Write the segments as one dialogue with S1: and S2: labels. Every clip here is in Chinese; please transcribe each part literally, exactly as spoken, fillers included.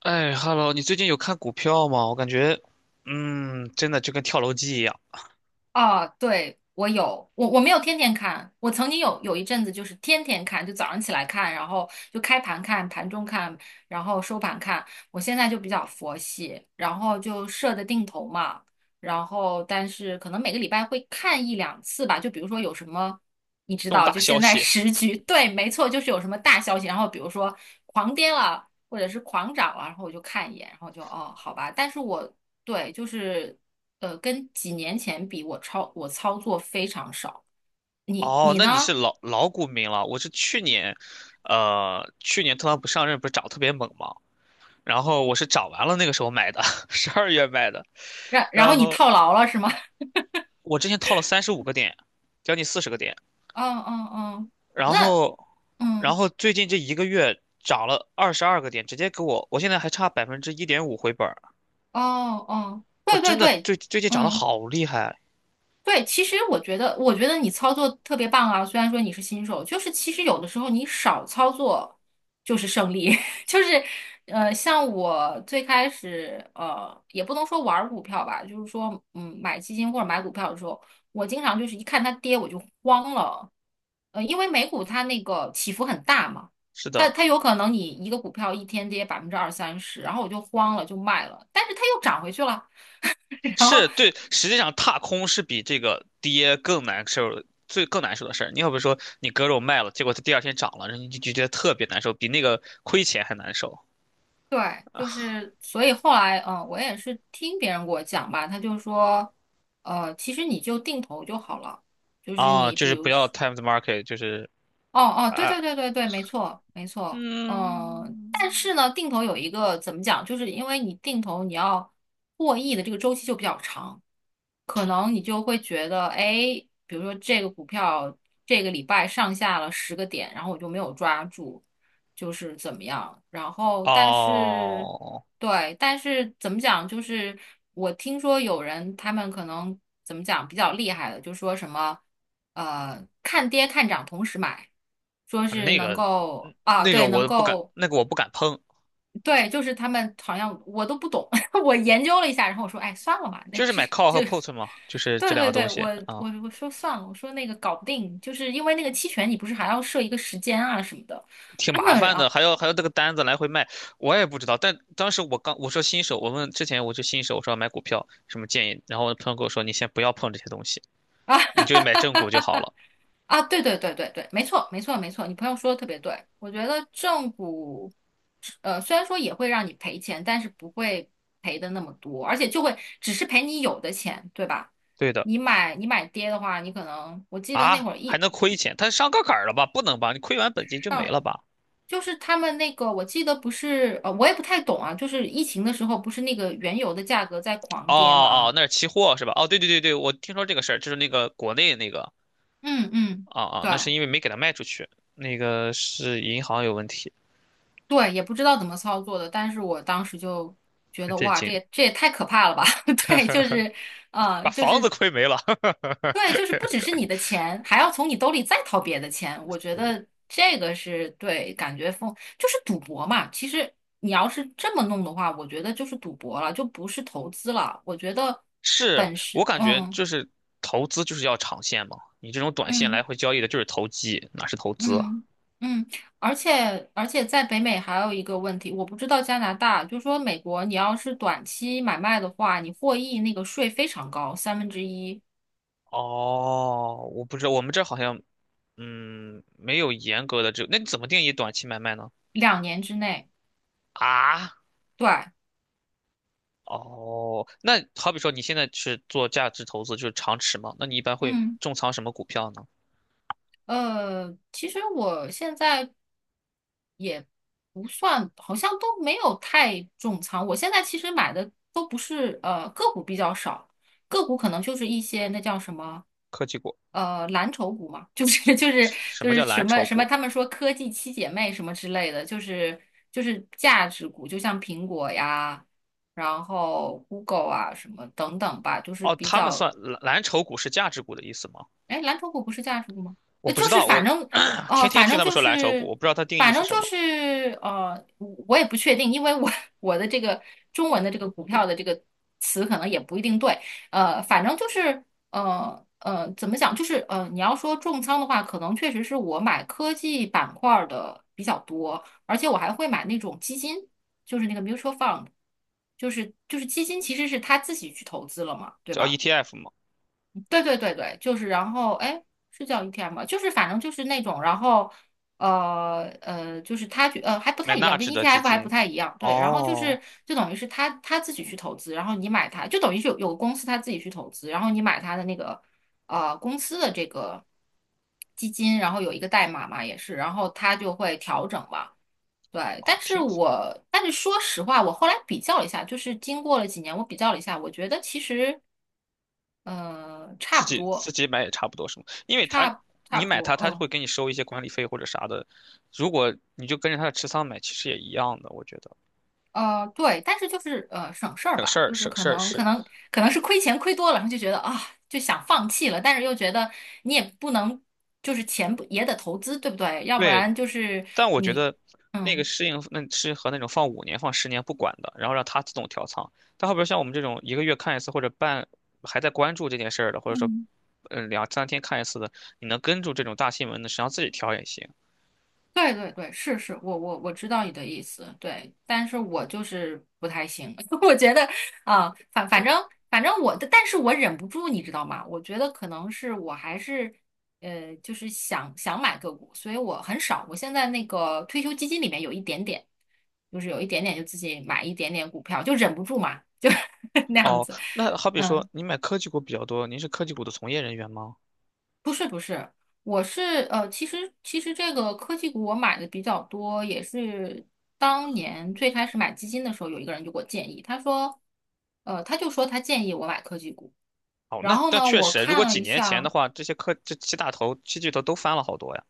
S1: 哎，Hello，你最近有看股票吗？我感觉，嗯，真的就跟跳楼机一样。
S2: 啊，对，我有，我我没有天天看，我曾经有有一阵子就是天天看，就早上起来看，然后就开盘看、盘中看，然后收盘看。我现在就比较佛系，然后就设的定投嘛，然后但是可能每个礼拜会看一两次吧，就比如说有什么，你知
S1: 重
S2: 道，
S1: 大
S2: 就
S1: 消
S2: 现在
S1: 息。
S2: 时局，对，没错，就是有什么大消息，然后比如说狂跌了。或者是狂涨了，然后我就看一眼，然后就哦，好吧。但是我对，就是呃，跟几年前比，我操我操作非常少。你
S1: 哦，
S2: 你
S1: 那你是
S2: 呢？
S1: 老老股民了。我是去年，呃，去年特朗普上任不是涨特别猛吗？然后我是涨完了那个时候买的，十二月买的。
S2: 然然后
S1: 然
S2: 你
S1: 后
S2: 套牢了是吗？
S1: 我之前套了三十五个点，将近四十个点。
S2: 嗯嗯嗯。
S1: 然
S2: 那
S1: 后，然
S2: 嗯
S1: 后最近这一个月涨了二十二个点，直接给我，我现在还差百分之一点五回本儿。
S2: 哦哦，
S1: 我
S2: 对对
S1: 真的
S2: 对，
S1: 最最近涨得
S2: 嗯。
S1: 好厉害。
S2: 对，其实我觉得，我觉得你操作特别棒啊。虽然说你是新手，就是其实有的时候你少操作就是胜利。就是呃，像我最开始呃，也不能说玩儿股票吧，就是说嗯，买基金或者买股票的时候，我经常就是一看它跌我就慌了。呃，因为美股它那个起伏很大嘛，
S1: 是
S2: 它
S1: 的。
S2: 它有可能你一个股票一天跌百分之二三十，然后我就慌了就卖了，但是它又涨回去了。然后
S1: 是对，实际上踏空是比这个跌更难受，最更难受的事儿。你要不说你割肉卖了，结果它第二天涨了，然后你就觉得特别难受，比那个亏钱还难受。
S2: 对，就是所以后来，嗯、呃我也是听别人给我讲吧，他就说，呃，其实你就定投就好了，就是
S1: 啊！
S2: 你
S1: 就
S2: 比
S1: 是不
S2: 如
S1: 要
S2: 说，
S1: time the market，就是。
S2: 哦哦，对
S1: 啊，
S2: 对对对对，没错没错，嗯、但
S1: 嗯，
S2: 是呢，定投有一个怎么讲，就是因为你定投你要获益的这个周期就比较长，可能你就会觉得，哎，比如说这个股票这个礼拜上下了十个点，然后我就没有抓住，就是怎么样？然后但是，
S1: 哦，
S2: 对，但是怎么讲？就是我听说有人他们可能怎么讲比较厉害的，就说什么呃看跌看涨同时买，说是
S1: 那
S2: 能
S1: 个
S2: 够啊，
S1: 那个
S2: 对，能
S1: 我不敢，
S2: 够。
S1: 那个我不敢碰，
S2: 对，就是他们好像我都不懂，我研究了一下，然后我说，哎，算了吧，那
S1: 就是
S2: 这
S1: 买 call 和
S2: 就，
S1: put 嘛，就是这
S2: 对
S1: 两个
S2: 对
S1: 东
S2: 对，
S1: 西
S2: 我
S1: 啊。
S2: 我我说算了，我说那个搞不定，就是因为那个期权，你不是还要设一个时间啊什么的，
S1: 挺麻 烦
S2: 然
S1: 的，
S2: 后
S1: 还要还要这个单子来回卖，我也不知道。但当时我刚我说新手，我问之前我就新手，我说要买股票什么建议，然后朋友跟我说你先不要碰这些东西，
S2: 啊
S1: 你就买 正股就好了。
S2: 啊，对对对对对，没错没错没错，你朋友说的特别对，我觉得正股，呃，虽然说也会让你赔钱，但是不会赔的那么多，而且就会只是赔你有的钱，对吧？
S1: 对的。
S2: 你买你买跌的话，你可能我记得那
S1: 啊，
S2: 会儿
S1: 还
S2: 一。
S1: 能亏钱？他上杠杆儿了吧？不能吧？你亏完本金就没了吧？
S2: 就是他们那个，我记得不是，呃，我也不太懂啊。就是疫情的时候，不是那个原油的价格在狂
S1: 哦
S2: 跌
S1: 哦，
S2: 吗？
S1: 那是期货是吧？哦，对对对对，我听说这个事儿，就是那个国内那个
S2: 嗯嗯，
S1: 啊啊，
S2: 对
S1: 那是因为没给他卖出去，那个是银行有问题。
S2: 对，也不知道怎么操作的，但是我当时就觉
S1: 很
S2: 得，
S1: 震
S2: 哇，这
S1: 惊，
S2: 也这也太可怕了吧？对，就是，呃，
S1: 把
S2: 就
S1: 房子
S2: 是
S1: 亏没了。
S2: 对，就是不只是你的钱，还要从你兜里再掏别的钱。我觉 得这个是对，感觉风就是赌博嘛。其实你要是这么弄的话，我觉得就是赌博了，就不是投资了。我觉得
S1: 是
S2: 本身，
S1: 我感觉
S2: 嗯。
S1: 就是投资就是要长线嘛，你这种短线来
S2: 嗯
S1: 回交易的就是投机，哪是投资啊？
S2: 嗯嗯，而且而且在北美还有一个问题，我不知道加拿大，就说美国，你要是短期买卖的话，你获益那个税非常高，三分之一，
S1: 哦，我不知道，我们这儿好像嗯没有严格的这，那你怎么定义短期买卖呢？
S2: 两年之内。
S1: 啊，
S2: 对，
S1: 哦，那好比说你现在是做价值投资，就是长持嘛，那你一般会
S2: 嗯，
S1: 重仓什么股票呢？
S2: 呃，其实我现在不算，好像都没有太重仓，我现在其实买的都不是呃个股比较少，个股可能就是一些那叫什么。
S1: 科技股？
S2: 呃蓝筹股嘛，就是 就是
S1: 什
S2: 就
S1: 么
S2: 是
S1: 叫
S2: 什
S1: 蓝
S2: 么
S1: 筹
S2: 什么，
S1: 股？
S2: 他们说科技七姐妹什么之类的，就是就是价值股，就像苹果呀，然后 Google 啊什么等等吧，就是
S1: 哦，
S2: 比
S1: 他们
S2: 较
S1: 算蓝蓝筹股是价值股的意思吗？
S2: 哎，蓝筹股不是价值股吗？
S1: 我
S2: 呃，
S1: 不知
S2: 就是
S1: 道，我
S2: 反正，
S1: 天
S2: 呃，
S1: 天
S2: 反
S1: 听
S2: 正
S1: 他们
S2: 就
S1: 说蓝筹股，
S2: 是，
S1: 我不知道它定义
S2: 反
S1: 是
S2: 正
S1: 什
S2: 就
S1: 么，
S2: 是，呃，我我也不确定，因为我 我的这个中文的这个股票的这个词可能也不一定对，呃，反正就是，呃呃，怎么讲？就是呃，你要说重仓的话，可能确实是我买科技板块儿的比较多，而且我还会买那种基金，就是那个 mutual fund，就是就是基金其实是他自己去投资了嘛，对
S1: 叫
S2: 吧？
S1: E T F 吗？
S2: 对对对对，就是然后哎，是叫 e t f 吗？就是反正就是那种，然后呃呃，就是他觉呃还不
S1: 买
S2: 太一样，
S1: 纳
S2: 跟
S1: 指的基
S2: E T F 还不
S1: 金。
S2: 太一样。对，然后就
S1: 哦，
S2: 是就等于是他他自己去投资，然后你买它，就等于是有有个公司他自己去投资，然后你买他的那个呃公司的这个基金，然后有一个代码嘛也是，然后它就会调整嘛。对，
S1: 好
S2: 但是
S1: 听。
S2: 我但是说实话，我后来比较了一下，就是经过了几年，我比较了一下，我觉得其实呃差
S1: 自
S2: 不
S1: 己自
S2: 多。
S1: 己买也差不多是吗？因为他
S2: 差差
S1: 你
S2: 不
S1: 买它，
S2: 多，
S1: 他就
S2: 嗯，
S1: 会给你收一些管理费或者啥的。如果你就跟着他的持仓买，其实也一样的，我觉得
S2: 呃，对，但是就是呃省事儿
S1: 省事
S2: 吧，
S1: 儿。
S2: 就是
S1: 省
S2: 可
S1: 事儿
S2: 能可
S1: 是。
S2: 能可能是亏钱亏多了，然后就觉得啊就想放弃了，但是又觉得你也不能就是钱不也得投资，对不对？要不
S1: 对，
S2: 然就是
S1: 但我觉
S2: 你，
S1: 得那个
S2: 嗯
S1: 适应那适合那种放五年放十年不管的，然后让它自动调仓。但后边像我们这种一个月看一次或者半还在关注这件事儿的，或者说
S2: 嗯。
S1: 嗯两三天看一次的，你能跟住这种大新闻的，实际上自己调也行。
S2: 对对对，是是，我我我知道你的意思，对，但是我就是不太行，我觉得啊，反反正反正我的，但是我忍不住，你知道吗？我觉得可能是我还是呃，就是想想买个股，所以我很少，我现在那个退休基金里面有一点点，就是有一点点就自己买一点点股票，就忍不住嘛，就 那样
S1: 哦，
S2: 子，
S1: 那好比说，
S2: 嗯。
S1: 您买科技股比较多，您是科技股的从业人员吗？
S2: 不是不是，我是呃，其实其实这个科技股我买的比较多，也是当年最开始买基金的时候，有一个人就给我建议，他说，呃，他就说他建议我买科技股，
S1: 哦，
S2: 然
S1: 那
S2: 后
S1: 那
S2: 呢，
S1: 确
S2: 我
S1: 实，如果
S2: 看了
S1: 几
S2: 一
S1: 年前的
S2: 下，
S1: 话，这些科这七大头、七巨头都翻了好多呀。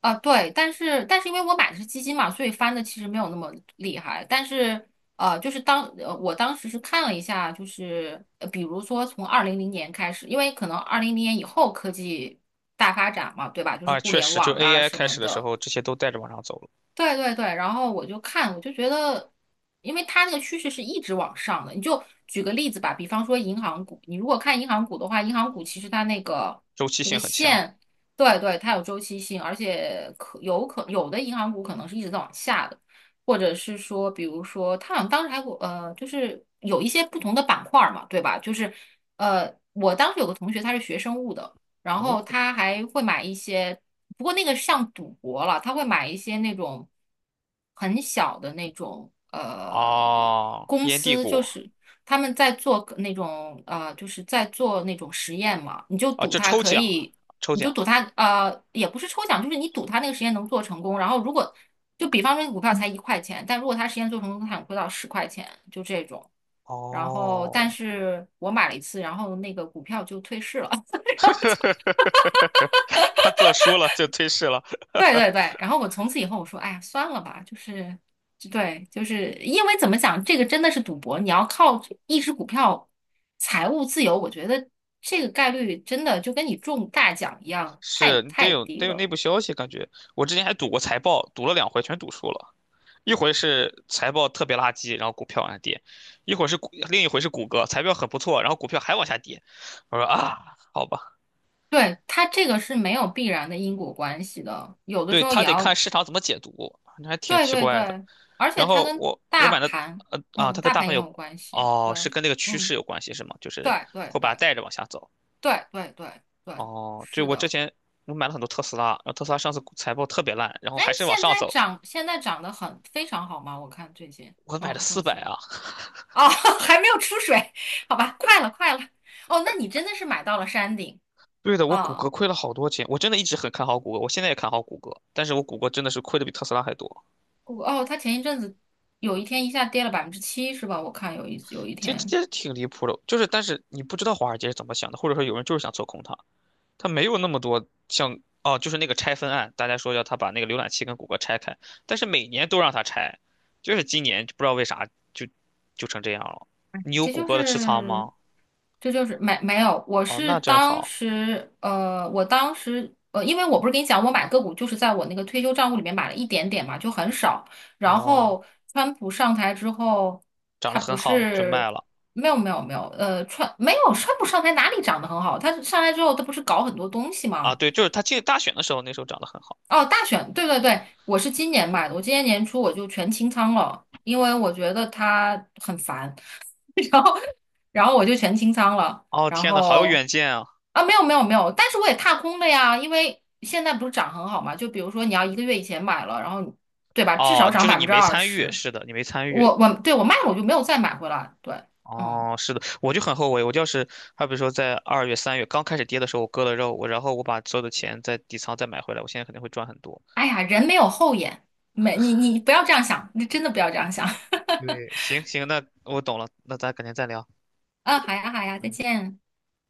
S2: 啊，对，但是但是因为我买的是基金嘛，所以翻的其实没有那么厉害。但是呃，就是当呃我当时是看了一下，就是呃比如说从二零零年开始，因为可能二零零年以后科技大发展嘛，对吧？就是
S1: 啊，
S2: 互
S1: 确
S2: 联
S1: 实，就
S2: 网啊
S1: A I
S2: 什
S1: 开
S2: 么
S1: 始的时
S2: 的，
S1: 候，这些都带着往上走了。
S2: 对对对，然后我就看，我就觉得，因为它那个趋势是一直往上的。你就举个例子吧，比方说银行股，你如果看银行股的话，银行股其实它那个
S1: 周期
S2: 那
S1: 性
S2: 个
S1: 很强。
S2: 线，对对，它有周期性，而且可有可有的银行股可能是一直在往下的，或者是说，比如说，它好像当时还有呃，就是有一些不同的板块儿嘛，对吧？就是呃，我当时有个同学他是学生物的。然
S1: 哦，
S2: 后他还会买一些，不过那个像赌博了，他会买一些那种很小的那种呃
S1: 哦，
S2: 公
S1: 烟蒂
S2: 司，就
S1: 股。
S2: 是他们在做那种呃，就是在做那种实验嘛，你就
S1: 啊，
S2: 赌
S1: 就
S2: 它
S1: 抽
S2: 可
S1: 奖，
S2: 以，
S1: 抽
S2: 你就
S1: 奖。
S2: 赌它呃，也不是抽奖，就是你赌它那个实验能做成功，然后如果就比方说股票才一块钱，但如果它实验做成功，它能亏到十块钱，就这种。然后，但
S1: 哦，
S2: 是我买了一次，然后那个股票就退市了。
S1: 他做输了就退市了。
S2: 对对对，然后我从此以后我说，哎呀，算了吧，就是，就对，就是因为怎么讲，这个真的是赌博，你要靠一只股票财务自由，我觉得这个概率真的就跟你中大奖一样，太
S1: 是得
S2: 太
S1: 有
S2: 低
S1: 得有内
S2: 了。
S1: 部消息，感觉我之前还赌过财报，赌了两回全赌输了。一回是财报特别垃圾，然后股票往下跌；一会儿是股，另一回是谷歌，财报很不错，然后股票还往下跌。我说啊，好吧，
S2: 对，它这个是没有必然的因果关系的，有的
S1: 对，
S2: 时候
S1: 他
S2: 也
S1: 得看
S2: 要，
S1: 市场怎么解读，那还挺
S2: 对
S1: 奇
S2: 对
S1: 怪的。
S2: 对，而且
S1: 然
S2: 它
S1: 后
S2: 跟
S1: 我我
S2: 大
S1: 买的
S2: 盘，
S1: 呃啊，
S2: 嗯，
S1: 它跟
S2: 大
S1: 大
S2: 盘
S1: 盘
S2: 也
S1: 有。
S2: 有关系，
S1: 哦，
S2: 对，
S1: 是跟那个趋
S2: 嗯，
S1: 势有关系是吗？就是
S2: 对对
S1: 会把它
S2: 对
S1: 带着往下走。
S2: 对对对对，
S1: 哦，就
S2: 是
S1: 我之
S2: 的。
S1: 前我买了很多特斯拉，然后特斯拉上次股财报特别烂，然后
S2: 哎，
S1: 还是往
S2: 现在
S1: 上走，
S2: 涨，现在涨得很非常好吗？我看最近，
S1: 我买了
S2: 嗯，特
S1: 四百
S2: 斯拉
S1: 啊，
S2: 哦，还没有出水，好吧，快了，快了。哦，那你真的是买到了山顶
S1: 对的，我谷歌
S2: 啊！
S1: 亏了好多钱，我真的一直很看好谷歌，我现在也看好谷歌，但是我谷歌真的是亏的比特斯拉还多，
S2: 哦，他前一阵子有一天一下跌了百分之七，是吧？我看有一有一
S1: 这
S2: 天，
S1: 这挺离谱的。就是，但是你不知道华尔街是怎么想的，或者说有人就是想做空它，它没有那么多像。哦，就是那个拆分案，大家说要他把那个浏览器跟谷歌拆开，但是每年都让他拆，就是今年就不知道为啥就就成这样了。你有
S2: 这
S1: 谷
S2: 就
S1: 歌的持仓
S2: 是，
S1: 吗？
S2: 这就是没没有，我
S1: 哦，
S2: 是
S1: 那真
S2: 当
S1: 好。
S2: 时呃，我当时呃，因为我不是跟你讲，我买个股就是在我那个退休账户里面买了一点点嘛，就很少。然
S1: 哦，
S2: 后川普上台之后，
S1: 涨得
S2: 他
S1: 很
S2: 不
S1: 好就
S2: 是
S1: 卖了。
S2: 没有没有没有，呃，川没有川普上台哪里涨得很好？他上来之后，他不是搞很多东西
S1: 啊，
S2: 吗？
S1: 对，就是他进大选的时候，那时候涨得很好。
S2: 哦，大选，对对对，我是今年买的，我今年年初我就全清仓了，因为我觉得他很烦。然后然后我就全清仓了，
S1: 哦，
S2: 然
S1: 天呐，好有
S2: 后
S1: 远见啊！
S2: 啊，没有没有没有，但是我也踏空了呀，因为现在不是涨很好嘛，就比如说你要一个月以前买了，然后你对吧，至少
S1: 哦，
S2: 涨
S1: 就是
S2: 百分
S1: 你
S2: 之
S1: 没
S2: 二
S1: 参与，
S2: 十，
S1: 是的，你没参与。
S2: 我我，对，我卖了，我就没有再买回来，对，嗯，
S1: 哦，是的，我就很后悔，我就是，还比如说在二月、三月刚开始跌的时候，我割了肉，我然后我把所有的钱在底仓再买回来，我现在肯定会赚很多。
S2: 哎呀，人没有后眼，没你你不要这样想，你真的不要这样想，
S1: 对，行行，那我懂了，那咱改天再聊。
S2: 啊，好呀好呀，再
S1: 嗯。
S2: 见。